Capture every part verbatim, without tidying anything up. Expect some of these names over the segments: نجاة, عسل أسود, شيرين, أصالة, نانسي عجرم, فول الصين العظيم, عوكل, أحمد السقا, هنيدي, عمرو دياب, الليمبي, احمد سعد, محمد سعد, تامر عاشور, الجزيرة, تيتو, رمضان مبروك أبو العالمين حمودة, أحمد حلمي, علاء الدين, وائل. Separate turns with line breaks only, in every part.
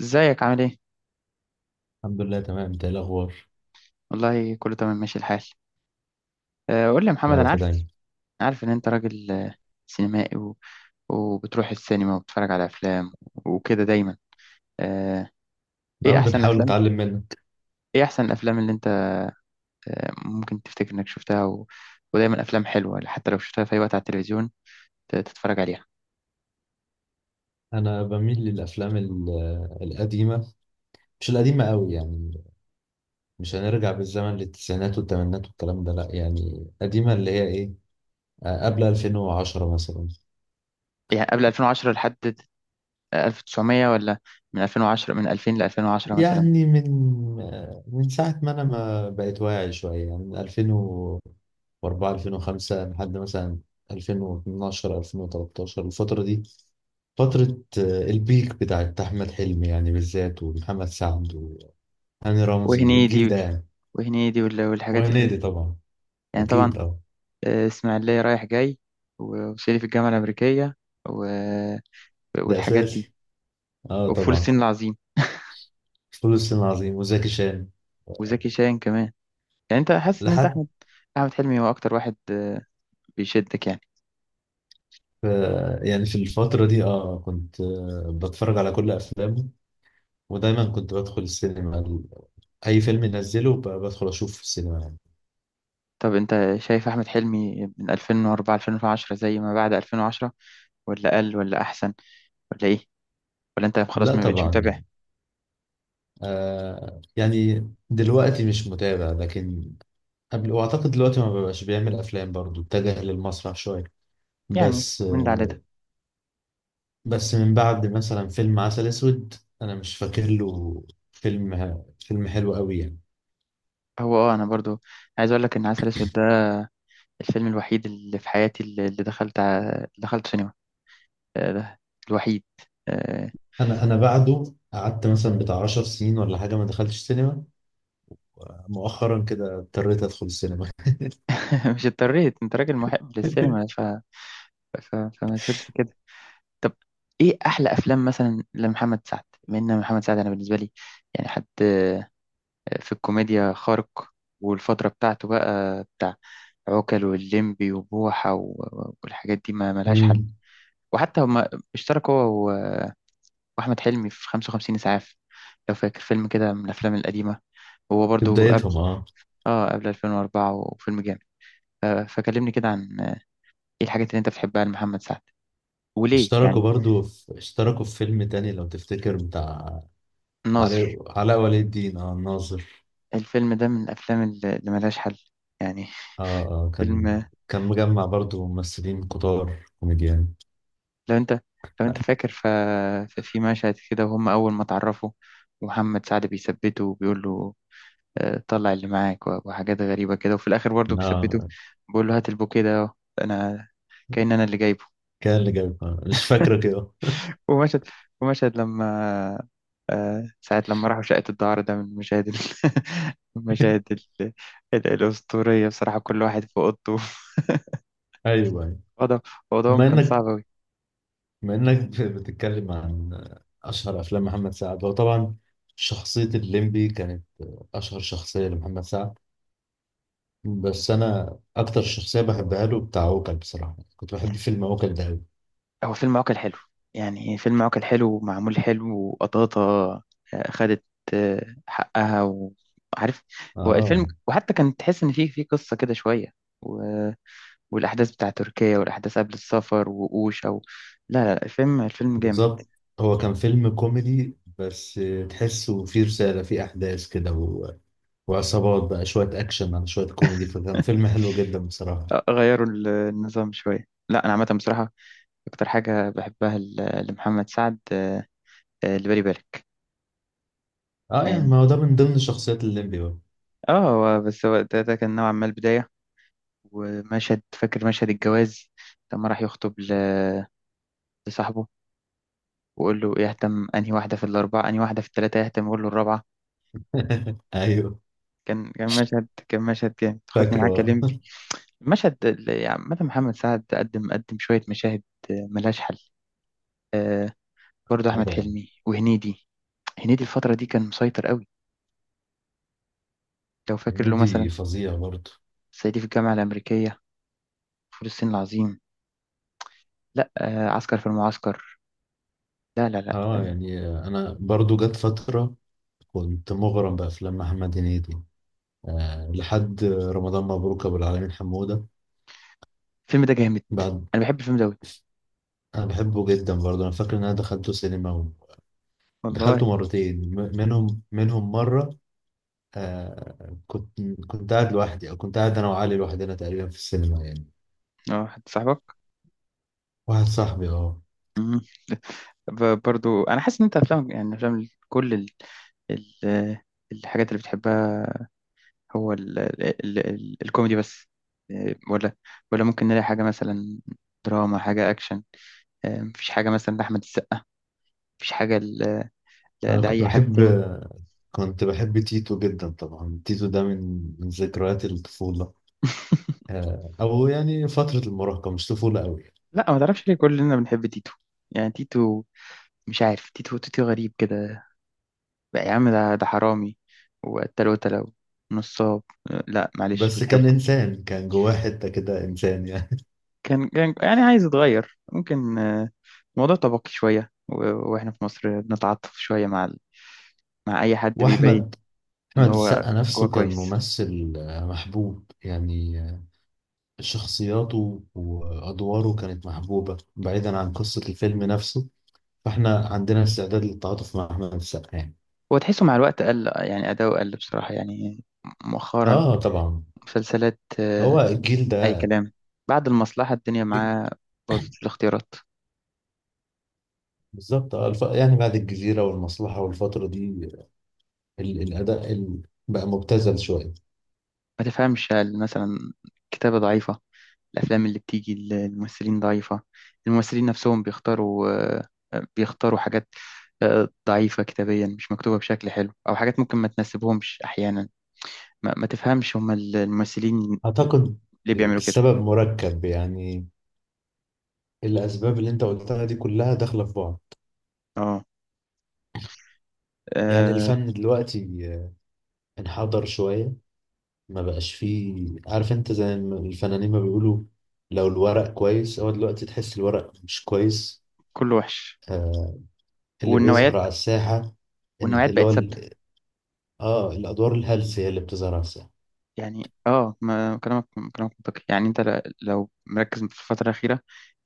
ازيك عامل ايه؟
الحمد لله تمام، انت ايه الاخبار؟
والله كله تمام ماشي الحال. آه، قول لي يا
يا
محمد،
رب
انا عارف.
دايما.
عارف ان انت راجل آه، سينمائي، و... وبتروح السينما وبتتفرج على افلام وكده دايما. آه، ايه
اهو
احسن
بنحاول
الافلام؟
نتعلم منك.
ايه احسن الافلام اللي انت آه، ممكن تفتكر انك شفتها؟ و... ودايما افلام حلوة حتى لو شفتها في اي وقت على التلفزيون ت- تتفرج عليها.
انا بميل للافلام ال- القديمه. مش القديمه قوي يعني، مش هنرجع بالزمن للتسعينات والثمانينات والكلام ده، لا يعني قديمه اللي هي ايه. آه، قبل ألفين وعشرة مثلا.
يعني قبل ألفين وعشرة لحد ألف وتسعمية ولا من ألفين وعشرة، من ألفين ل ألفين وعشرة مثلا؟
يعني من من ساعة ما أنا ما بقيت واعي شوية، يعني من ألفين وأربعة ألفين وخمسة لحد مثلا ألفين واتناشر ألفين وتلتاشر الفترة دي. فترة آه، البيك بتاعت أحمد حلمي يعني بالذات، ومحمد سعد وهاني رمزي، الجيل
وهنيدي
ده يعني.
وهنيدي وال- والحاجات اللي
وهنيدي
دي،
طبعا.
يعني طبعا.
أكيد أه.
آه، اسماعيلية رايح جاي، و- وسيلي في الجامعة الأمريكية، و...
ده
والحاجات دي،
أساسي. أه
وفول
طبعا.
الصين العظيم
فول الصين العظيم وزكي شان.
وزكي شاهين كمان. يعني أنت حاسس إن أنت
لحد.
أحمد، أحمد حلمي هو أكتر واحد آه، بيشدك يعني؟
آه، يعني في الفترة دي أه كنت آه، بتفرج على كل أفلامه، ودايما كنت بدخل السينما، ال- أي فيلم ينزله ب- بدخل أشوف في السينما يعني.
طب أنت شايف أحمد حلمي من ألفين واربعة ألفين وعشرة زي ما بعد ألفين وعشرة، ولا أقل ولا أحسن، ولا إيه، ولا أنت خلاص
لا
ما بقتش
طبعا
متابع؟
يعني. آه يعني دلوقتي مش متابع، لكن قبل، وأعتقد دلوقتي ما ببقاش بيعمل أفلام، برضو اتجه للمسرح شوية.
يعني
بس
من ده على ده.
آه. بس من بعد مثلا فيلم عسل أسود، أنا مش فاكر له. فيلم فيلم حلو قوي يعني.
هو اه انا برضو عايز اقول لك ان عسل اسود ده الفيلم الوحيد اللي في حياتي اللي اللي دخلت ع- اللي دخلت سينما. آه، ده الوحيد. آه،
أنا أنا بعده قعدت مثلا بتاع 10 سنين ولا حاجة، ما دخلتش سينما. مؤخرا كده اضطريت أدخل السينما.
مش اضطريت، انت راجل محب للسينما، ف... ف... فما تقولش كده. طب، ايه احلى افلام مثلا لمحمد سعد؟ بما ان محمد سعد، انا بالنسبه لي يعني حد آه، في الكوميديا خارق. والفتره بتاعته بقى بتاع عوكل واللمبي وبوحه و... والحاجات دي ما ملهاش حل.
مم.
وحتى هما اشترك هو و- واحمد حلمي في خمسة وخمسين اسعاف، لو فاكر، فيلم كده من الافلام القديمه، هو
في
برضو قبل،
بدايتهم اه.
اه قبل ألفين واربعة، وفيلم جامد. ف- فكلمني كده عن آه، ايه الحاجات اللي انت بتحبها لمحمد سعد وليه
اشتركوا
يعني.
برضو في اشتركوا في فيلم تاني، لو تفتكر، بتاع
الناظر،
علاء علاء ولي الدين، اه، الناظر.
الفيلم ده من الافلام اللي اللي ملهاش حل يعني.
اه آه، كان
فيلم،
كان مجمع برضو ممثلين كتار كوميديان.
لو انت لو انت فاكر، ف... ففي مشهد كده وهم اول ما اتعرفوا، ومحمد سعد بيثبته وبيقول له آه، طلع اللي معاك، و- وحاجات غريبة كده، وفي الاخر برضه بيثبته
اه،
بيقول له هات البوكيه ده أهو، انا، كأن انا اللي جايبه.
كان اللي جايب، آه، مش فاكرة كده.
ومشهد ومشهد لما آه، ساعة لما راحوا شقة الدعارة، ده من المشاهد ال- المشاهد ال- ال- الأسطورية بصراحة، كل واحد في أوضته.
ايوه، أيوة.
ده الموضوع
بما
كان صعب
انك
أوي.
بما انك بتتكلم عن اشهر افلام محمد سعد، هو طبعا شخصية الليمبي كانت اشهر شخصية لمحمد سعد. بس انا اكتر شخصية بحبها له بتاع عوكل، بصراحة كنت بحب فيلم عوكل ده أوي.
هو فيلم عوكل حلو يعني، فيلم عوكل حلو ومعمول حلو، وقطاطة آه، خدت آه، حقها وعارف. هو الفيلم،
اه.
وحتى كان تحس إن فيه فيه قصة كده شوية، و... والأحداث بتاع تركيا والأحداث قبل السفر وقوش، أو لا لا لا، الفيلم الفيلم جامد.
بالظبط. هو كان فيلم كوميدي، بس تحسه فيه رسالة، فيه أحداث كده، و... وعصابات بقى، شوية أكشن على شوية كوميدي، فكان فيلم حلو جدا بصراحة.
آه، غيروا ال- النظام شوية. لا، أنا عامة بصراحة أكتر حاجة بحبها ل- لمحمد سعد آه، آه، اللي بالي بالك.
اه يعني
يعني
ما هو ده من ضمن شخصيات الليمبي بقى.
اه هو- بس هو ده, ده, كان نوعا ما البداية. ومشهد، فاكر مشهد الجواز لما راح يخطب ل- لصاحبه، وقول له يهتم انهي واحدة في الأربعة، انهي واحدة في الثلاثة يهتم، يقول له الرابعة.
أيوه.
كان كان مشهد، كان مشهد جامد، خدني
فاكره
معاك يا
اه.
لمبي. المشهد اللي- يعني عامة محمد سعد قدم، قدم شوية مشاهد آه، ملهاش حل. برضه
آه
أحمد
طبعا.
حلمي وهنيدي، هنيدي الفترة دي كان مسيطر قوي. لو فاكر له مثلا،
هنيدي فظيع برضه.
صعيدي في الجامعة الأمريكية، فول الصين العظيم، لا آه، عسكر في المعسكر. لا لا لا،
اه، يعني أنا برضه جت فترة كنت مغرم بأفلام محمد هنيدي، آه لحد رمضان مبروك أبو العالمين حمودة.
الفيلم ده جامد،
بعد.
أنا بحب الفيلم ده أوي.
أنا بحبه جدا برضه، أنا فاكر إن أنا دخلته سينما، دخلته
والله.
مرتين، م- منهم منهم مرة آه كنت كنت قاعد لوحدي، أو كنت قاعد أنا وعلي لوحدنا تقريبا في السينما يعني.
اه، حد صاحبك.
واحد صاحبي أه.
مم. ب- برضو انا حاسس ان انت افلام، يعني افلام، كل ال... ال... الحاجات اللي بتحبها هو ال... ال... ال... الكوميدي بس، إيه، ولا ولا ممكن نلاقي حاجة مثلا دراما، حاجة أكشن، إيه، مفيش حاجة مثلا لأحمد السقا، مفيش حاجة ل... ل...
أنا كنت
لأي حد
بحب
تاني؟
كنت بحب تيتو جدا طبعا، تيتو ده من من ذكريات الطفولة. آه أو يعني فترة المراهقة، مش طفولة أوي يعني.
لا، ما تعرفش ليه كلنا بنحب تيتو؟ يعني تيتو، مش عارف، تيتو، تيتو غريب كده. بقى يا عم، ده ده حرامي وقتل وتلة ونصاب، لا معلش
بس كان
بنحبه.
إنسان، كان جواه حتة كده إنسان يعني.
كان كان يعني عايز يتغير ممكن، آه، الموضوع طبقي شوية، و- واحنا في مصر بنتعاطف شوية مع ال- مع أي حد بيبين
وأحمد
إن
أحمد
هو
السقا
جواه
نفسه كان
كويس.
ممثل آه، محبوب يعني آه، شخصياته وأدواره كانت محبوبة، بعيدا عن قصة الفيلم نفسه، فاحنا عندنا استعداد للتعاطف مع أحمد السقا يعني.
هو تحسه مع الوقت قل، يعني أداؤه قل بصراحة، يعني مؤخرا
اه طبعا.
مسلسلات
هو
آه،
الجيل
أي
ده.
كلام. بعد المصلحة الدنيا معاه باظت في الاختيارات.
بالظبط. آه، الف... يعني بعد الجزيرة والمصلحة والفترة دي ال... الأداء ال... بقى مبتذل شوية.
ما تفهمش، هل مثلا كتابة ضعيفة؟ الافلام اللي بتيجي ال- الممثلين ضعيفه؟ الممثلين نفسهم بيختاروا آه، بيختاروا حاجات آه، ضعيفه كتابيا، مش مكتوبه بشكل حلو، او حاجات ممكن ما تناسبهمش احيانا؟ ما, ما تفهمش هم الممثلين
أعتقد
ليه بيعملوا كده؟
السبب مركب يعني، الأسباب اللي أنت قلتها دي كلها داخلة في بعض.
اه.
يعني
آه،
الفن دلوقتي انحدر شوية، ما بقاش فيه، عارف انت زي ما الفنانين ما بيقولوا، لو الورق كويس، هو دلوقتي تحس الورق مش كويس.
كله وحش،
آه. اللي بيظهر
والنوعيات،
على الساحة، إن-
والنوعيات
اللي هو
بقت ثابته.
ال- اه الأدوار الهلسة هي اللي بتظهر على الساحة.
يعني اه، ما كلامك، كلامك منطقي. يعني انت ل- لو مركز في الفتره الاخيره،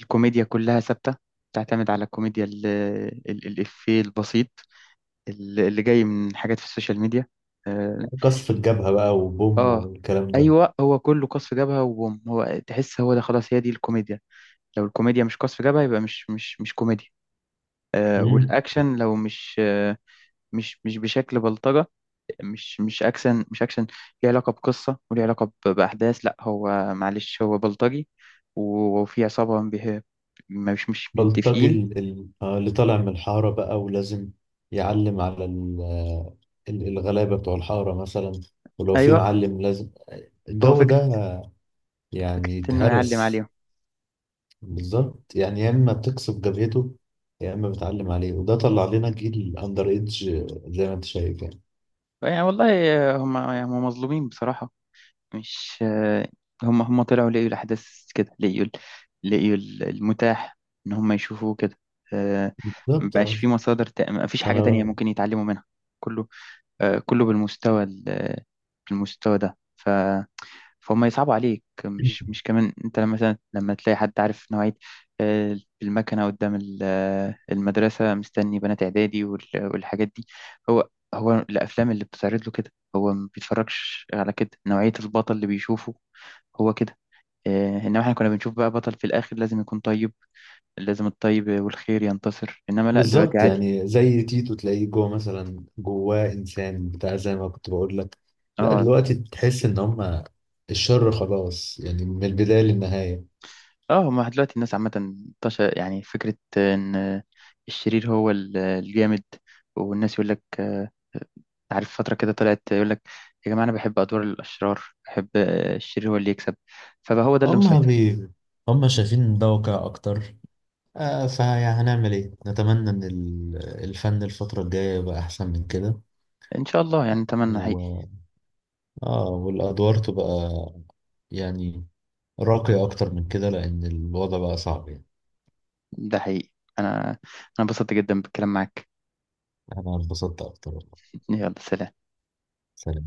الكوميديا كلها ثابته، بتعتمد على الكوميديا ال- ال- الإفيه البسيط اللي اللي جاي من حاجات في السوشيال ميديا. اه.
قصف الجبهة بقى، وبوم،
آه،
والكلام ده.
ايوه، هو كله قصف جبهه وبوم، هو تحس هو ده خلاص، هي دي الكوميديا، لو الكوميديا مش قصف جبهه يبقى مش مش مش كوميديا. آه،
مم.
والاكشن لو مش، آه مش مش بشكل بلطجه، مش مش اكشن، مش اكشن ليه علاقه بقصه وليه علاقه ب- باحداث. لا هو معلش هو بلطجي، و- وفي عصابه به- مش مش
بلطجي،
متفقين.
ال- ال- آه، اللي طالع من الحارة بقى، ولازم يعلم على ال- آه، ال- الغلابة بتوع الحارة مثلا، ولو في
ايوه،
معلم لازم
هو
الجو
فكره،
ده،
فكره
يعني
انه يعلم
اتهرس.
عليهم.
بالظبط يعني، يا اما بتكسب جبهته، يا اما بتعلم عليه، وده طلع لنا جيل اندر ايدج، زي ما انت شايف يعني.
يعني والله، آه، هم هم مظلومين بصراحه. مش آه، هم هم طلعوا لقيوا الأحداث كده، لقيوا ال- لقيوا ال- المتاح إن هم يشوفوه كده. آه،
بالظبط
مبقاش
اه.
في مصادر تا- مفيش
ما
حاجة تانية
انا
ممكن يتعلموا منها، كله آه، كله بالمستوى ال- بالمستوى ده، فهم يصعبوا عليك. مش مش كمان انت لما مثلا، لما تلاقي حد عارف نوعية، آه، المكنة قدام ال- آه، المدرسة، مستني بنات إعدادي وال- والحاجات دي، هو هو الأفلام اللي بتتعرض له كده، هو ما بيتفرجش على كده، نوعية البطل اللي بيشوفه هو كده. آه، إنما إحنا كنا بنشوف بقى بطل في الآخر لازم يكون طيب، لازم الطيب والخير ينتصر، إنما لا، دلوقتي
بالظبط
عادي.
يعني، زي تيتو تلاقيه جوه مثلا جواه انسان بتاع، زي ما كنت بقول لك. لا
اه.
دلوقتي تحس ان هم الشر خلاص، يعني من البدايه للنهايه.
اه، ما دلوقتي الناس عامة انتشر يعني فكرة ان الشرير هو ال- الجامد، والناس يقول لك آه، عارف فترة كده طلعت يقول لك يا جماعة انا بحب ادوار الاشرار، بحب آه، الشرير هو اللي يكسب، فبقى هو ده اللي
هم
مسيطر.
بي هم شايفين إن ده واقع اكتر. آه فهنعمل ايه، نتمنى ان ال- الفن الفتره الجايه يبقى احسن من
ان شاء الله، يعني اتمنى حقيقي.
كده. اه، والادوار تبقى يعني راقية اكتر من كده، لان الوضع بقى صعب يعني.
ده حقيقي، انا انا انبسطت جدا بالكلام معاك.
انا انبسطت اكتر والله.
يلا سلام.
سلام.